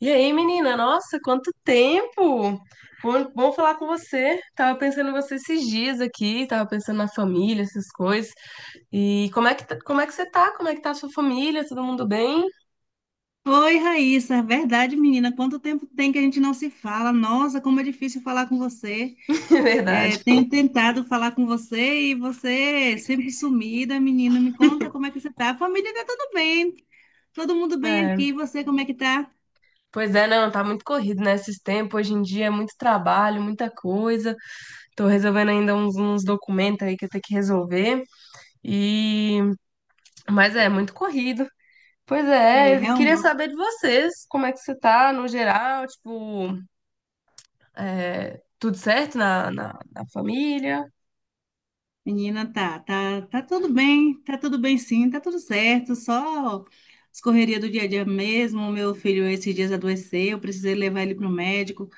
E aí, menina? Nossa, quanto tempo! Bom, bom falar com você. Tava pensando em você esses dias aqui, tava pensando na família, essas coisas. E como é que, tá- como é que você tá? Como é que tá a sua família? Todo mundo bem? Oi, Raíssa, é verdade, menina. Quanto tempo tem que a gente não se fala? Nossa, como é difícil falar com você. É verdade. É, tenho tentado falar com você e você é sempre sumida, menina. Me conta como é que você tá. A família tá tudo bem, todo mundo bem aqui. E É. você, como é que tá? Pois é, não, tá muito corrido, né, esses tempos. Hoje em dia é muito trabalho, muita coisa. Tô resolvendo ainda uns documentos aí que eu tenho que resolver. E... Mas é, muito corrido. Pois é, É, eu queria realmente, saber de vocês, como é que você tá no geral, tipo... É, tudo certo na família? menina, tá tudo bem, tá tudo bem sim, tá tudo certo. Só as correrias do dia a dia mesmo. Meu filho esses dias adoeceu, precisei levar ele para o médico.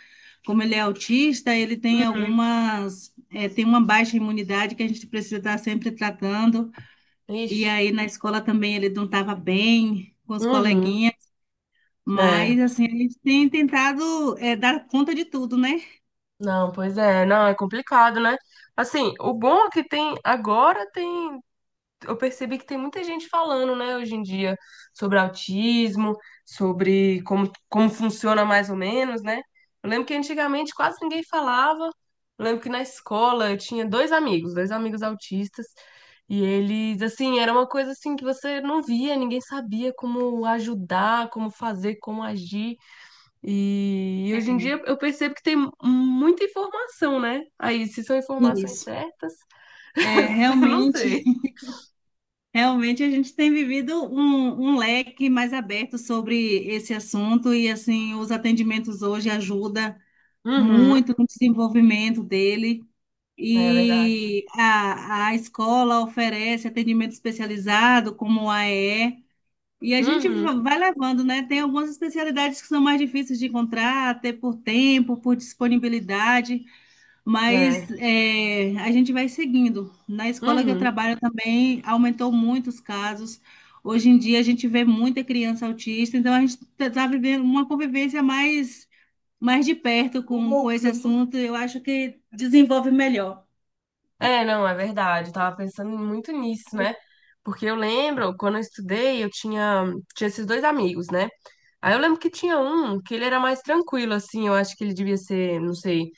Como ele é autista, ele tem Uhum. Tem uma baixa imunidade que a gente precisa estar sempre tratando. E Ixi. aí na escola também ele não estava bem com os Uhum. coleguinhas, É. mas assim, a gente tem tentado dar conta de tudo, né? Não, pois é. Não, é complicado, né? Assim, o bom é que tem agora tem eu percebi que tem muita gente falando, né, hoje em dia, sobre autismo, sobre como, como funciona mais ou menos, né? Eu lembro que antigamente quase ninguém falava. Eu lembro que na escola eu tinha dois amigos autistas, e eles, assim, era uma coisa assim que você não via, ninguém sabia como ajudar, como fazer, como agir. E É, hoje em dia eu percebo que tem muita informação, né? Aí, se são informações isso. certas, É, eu não realmente, sei. realmente a gente tem vivido um leque mais aberto sobre esse assunto e assim, os atendimentos hoje ajudam Uhum, muito no desenvolvimento dele. é verdade. E a escola oferece atendimento especializado, como o AE, e E. E a gente Uhum, vai levando, né? Tem algumas especialidades que são mais difíceis de encontrar, até por tempo, por disponibilidade, mas é. A gente vai seguindo. Na escola que eu Uhum. trabalho também aumentou muito os casos. Hoje em dia a gente vê muita criança autista, então a gente está vivendo uma convivência mais de perto com esse assunto, eu acho que desenvolve melhor. É, não, é verdade. Eu tava pensando muito nisso, né? Porque eu lembro, quando eu estudei, eu tinha, tinha esses dois amigos, né? Aí eu lembro que tinha um que ele era mais tranquilo, assim. Eu acho que ele devia ser, não sei,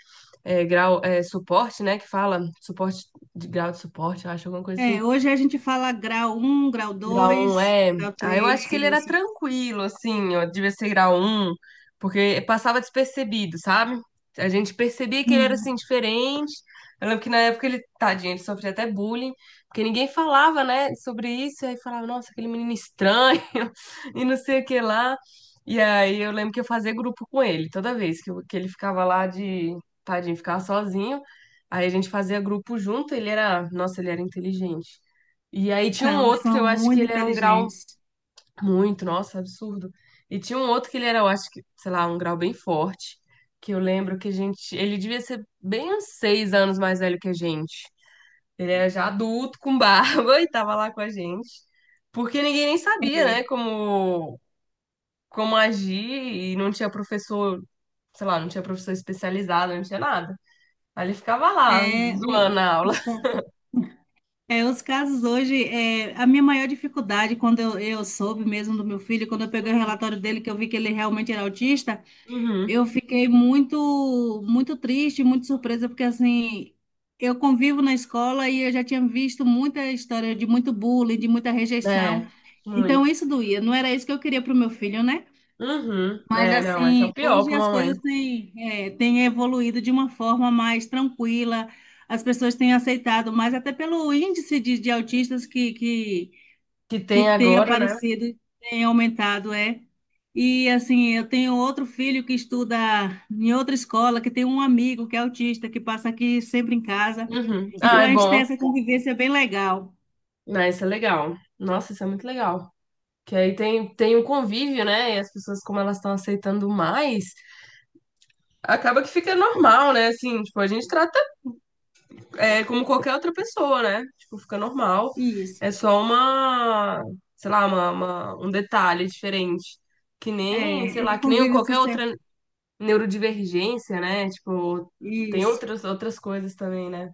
é, grau, é, suporte, né? Que fala suporte de grau de suporte, eu acho, alguma coisa assim. É, hoje a gente fala grau um, grau Grau 1 2, é. grau Ah, eu acho 3, que ele era isso. tranquilo, assim, ó, devia ser grau 1, porque passava despercebido, sabe? A gente percebia que ele era assim Sim, diferente. Eu lembro que na época ele, tadinho, ele sofria até bullying, porque ninguém falava, né, sobre isso, e aí falava, nossa, aquele menino estranho, e não sei o que lá. E aí eu lembro que eu fazia grupo com ele, toda vez que, que ele ficava lá de, tadinho, ficava sozinho. Aí a gente fazia grupo junto, ele era, nossa, ele era inteligente. E aí tinha um são, outro que são eu acho que muito ele era um grau inteligentes. muito, nossa, absurdo. E tinha um outro que ele era, eu acho que, sei lá, um grau bem forte. Que eu lembro que a gente. Ele devia ser bem uns seis anos mais velho que a gente. Ele era já adulto, com barba, e tava lá com a gente. Porque ninguém nem sabia, né, como, como agir, e não tinha professor, sei lá, não tinha professor especializado, não tinha nada. Aí ele ficava lá, É, zoando a aula. os, ca- os casos hoje, a minha maior dificuldade, quando eu soube mesmo do meu filho, quando eu peguei o Uhum. relatório dele, que eu vi que ele realmente era autista, Uhum. eu fiquei muito, muito triste, muito surpresa, porque assim. Eu convivo na escola e eu já tinha visto muita história de muito bullying, de muita rejeição. É, Então muito. isso doía, não era isso que eu queria para o meu filho, né? Uhum. Mas É, não, esse é o assim, pior hoje pra as mamãe. coisas têm evoluído de uma forma mais tranquila, as pessoas têm aceitado, mas até pelo índice de autistas que, que, Que que tem tem agora, né? aparecido, tem aumentado, é. E assim, eu tenho outro filho que estuda em outra escola, que tem um amigo que é autista, que passa aqui sempre em casa. Uhum. Ah, Então é a gente tem bom. essa convivência bem legal. Não, isso é legal. Nossa, isso é muito legal. Que aí tem, tem um convívio, né? E as pessoas, como elas estão aceitando mais, acaba que fica normal, né? Assim, tipo, a gente trata é, como qualquer outra pessoa, né? Tipo, fica normal. Isso. É só uma, sei lá, uma, um detalhe diferente. Que nem, É, sei o lá, que nem convívio qualquer social. outra neurodivergência, né? Tipo, tem Isso. outras, outras coisas também, né?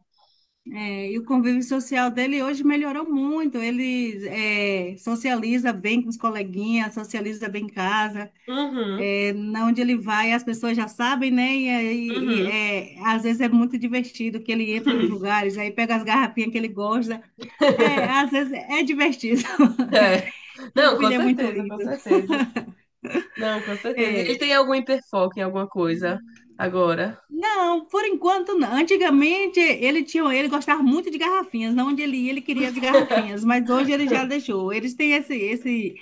É, e o convívio social dele hoje melhorou muito. Ele socializa bem com os coleguinhas, socializa bem em casa. Uhum, É, na onde ele vai, as pessoas já sabem, né? E, aí, uhum. e, é, às vezes é muito divertido que ele entra nos lugares, aí pega as garrafinhas que ele gosta. É, às vezes é divertido. É. Meu Não, com filho é muito certeza, com lindo. certeza. Não, com certeza. É. Ele tem algum hiperfoco em alguma coisa agora. Não, por enquanto não. Antigamente ele gostava muito de garrafinhas. Na onde ele ia, ele queria as garrafinhas, mas hoje ele já deixou. Eles têm esse, esse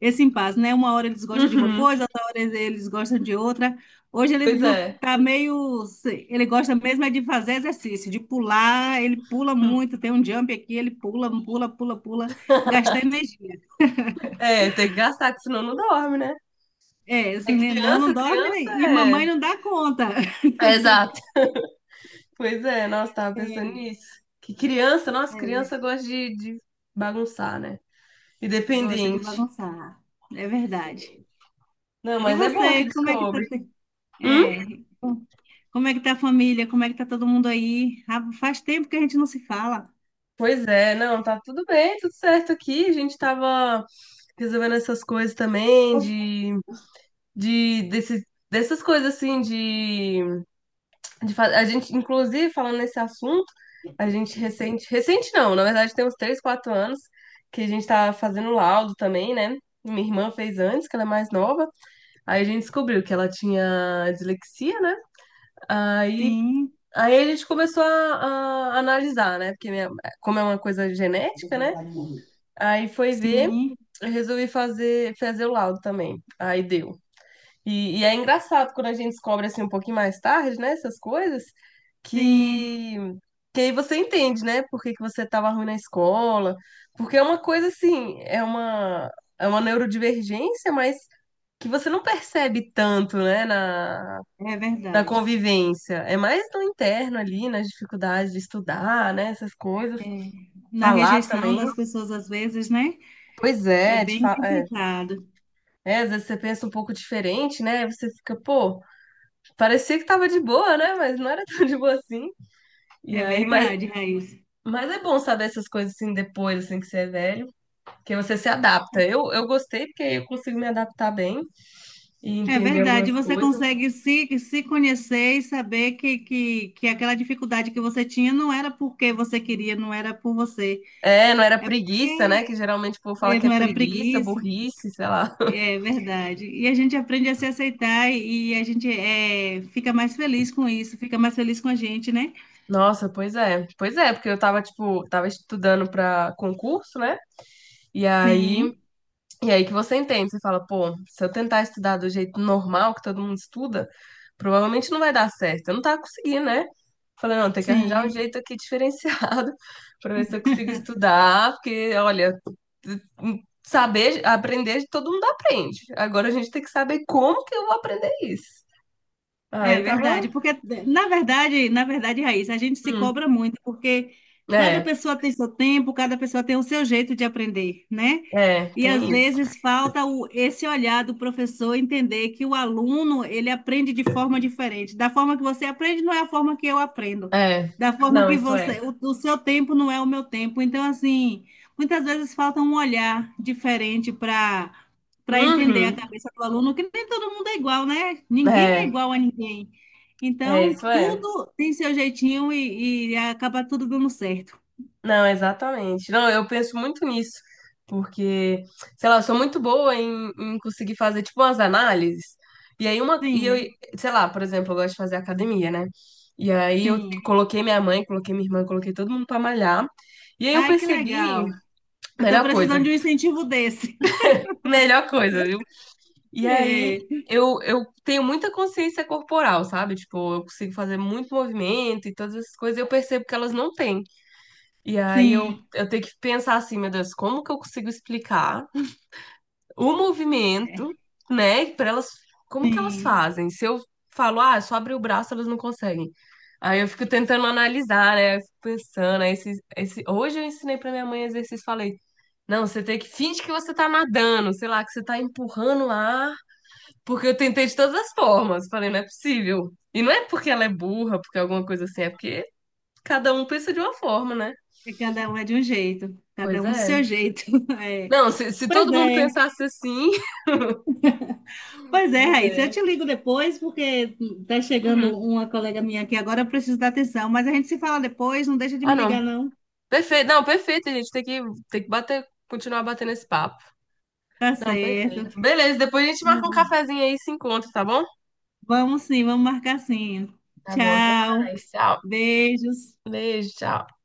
esse impasse, né? Uma hora eles gostam de uma Uhum, coisa, outra hora eles gostam de outra. Hoje ele pois não é. tá meio. Ele gosta mesmo é de fazer exercício, de pular, ele pula muito, tem um jump aqui, ele pula, pula, pula, pula, gasta energia. É, tem que gastar, que senão não dorme, né? É, esse É nenão não criança, dorme criança e é. mamãe não dá conta. É exato. Pois é, nossa, tava pensando É, nisso. Que criança, nossa, é, criança gosta de bagunçar, né? gosta de Independente. bagunçar, é verdade. Não, E mas é bom que você, como é que tá? descobre. Hum? É, Como é que tá a família? Como é que tá todo mundo aí? Ah, faz tempo que a gente não se fala. Pois é, não, tá tudo bem, tudo certo aqui. A gente tava resolvendo essas coisas também de desses, dessas coisas assim de, a gente inclusive falando nesse assunto, a gente recente, recente não, na verdade tem uns 3, 4 anos que a gente tá fazendo laudo também, né? Minha irmã fez antes, que ela é mais nova. Aí a gente descobriu que ela tinha dislexia, né? Aí Sim, Aí a gente começou a analisar, né? Porque como é uma coisa genética, né? Aí foi ver, sim. eu resolvi fazer o laudo também. Aí deu. E é engraçado quando a gente descobre assim um pouquinho mais tarde, né, essas coisas, Sim, que, que aí você entende, né, por que que você estava ruim na escola, porque é uma coisa assim, é uma neurodivergência, mas que você não percebe tanto, né, é na verdade. convivência. É mais no interno ali, nas dificuldades de estudar, né, essas coisas. É, na Falar rejeição também. das pessoas, às vezes, né? Pois É é, bem é, complicado. é, às vezes você pensa um pouco diferente, né? Aí você fica, pô, parecia que tava de boa, né? Mas não era tão de boa assim. E É aí, mas, verdade, Raíssa. mas é bom saber essas coisas assim depois, assim, que você é velho, que você se adapta. Eu gostei porque eu consigo me adaptar bem e É entender algumas verdade. Você coisas. consegue se conhecer e saber que aquela dificuldade que você tinha não era porque você queria, não era por você. É, não era preguiça, né? Que geralmente o povo fala É, que é não era preguiça, preguiça. burrice, sei lá. É verdade. E a gente aprende a se aceitar e a gente fica mais feliz com isso, fica mais feliz com a gente, né? Nossa, pois é. Pois é, porque eu tava, tipo, tava estudando pra concurso, né? E aí Sim, E aí que você entende, você fala, pô, se eu tentar estudar do jeito normal que todo mundo estuda, provavelmente não vai dar certo. Eu não tava conseguindo, né? Falei, não, tem que arranjar um sim. jeito aqui diferenciado pra ver se eu consigo estudar, porque, olha, saber, aprender, todo mundo aprende. Agora a gente tem que saber como que eu vou aprender isso. É Aí tava, verdade, porque na verdade, Raíssa, a gente se hum, cobra muito, porque cada é, pessoa tem seu tempo, cada pessoa tem o seu jeito de aprender, né? é, E às tem isso. vezes falta esse olhar do professor entender que o aluno ele aprende de forma diferente. Da forma que você aprende não é a forma que eu aprendo. É, Da forma não, que isso você, é. O seu tempo não é o meu tempo. Então, assim, muitas vezes falta um olhar diferente para entender a Uhum, cabeça do aluno, que nem todo mundo é igual, né? Ninguém é é, igual a ninguém. é, Então, isso é. tudo tem seu jeitinho e acaba tudo dando certo. Não, exatamente. Não, eu penso muito nisso, porque, sei lá, eu sou muito boa em, em conseguir fazer, tipo, umas análises. E aí, uma, e eu, Sim, sei lá, por exemplo, eu gosto de fazer academia, né? E aí, eu sim. coloquei minha mãe, coloquei minha irmã, coloquei todo mundo pra malhar. E aí, eu Ai, que percebi, legal. Eu tô melhor coisa, precisando de um incentivo desse. melhor coisa, viu? E aí, É, eu tenho muita consciência corporal, sabe? Tipo, eu consigo fazer muito movimento e todas essas coisas, eu percebo que elas não têm. E aí eu, sim, eu tenho que pensar assim, meu Deus, como que eu consigo explicar o movimento, é, né? Para elas, como que elas sim. fazem? Se eu falo, ah, é só abrir o braço, elas não conseguem. Aí eu fico tentando analisar, né? Eu fico pensando, aí hoje eu ensinei para minha mãe exercício, falei, não, você tem que finge que você tá nadando, sei lá, que você tá empurrando o ar, porque eu tentei de todas as formas. Falei, não é possível. E não é porque ela é burra, porque alguma coisa assim, é porque cada um pensa de uma forma, né? É, cada um é de um jeito, cada Pois um do é, seu jeito. É. não, se Pois todo mundo é, pensasse assim. pois é, Pois Raíssa. Eu te é. ligo depois, porque tá chegando Uhum. uma colega minha aqui agora, eu preciso da atenção. Mas a gente se fala depois, não deixa de Ah, me não. ligar, não. Perfeito. Não, perfeito, a gente. Tem que bater, continuar batendo esse papo. Tá Não, certo. perfeito. Beleza, depois a gente marca um cafezinho aí e se encontra, tá bom? Vamos sim, vamos marcar sim. Tá bom, até Tchau, mais. Tchau. beijos. Beijo, tchau.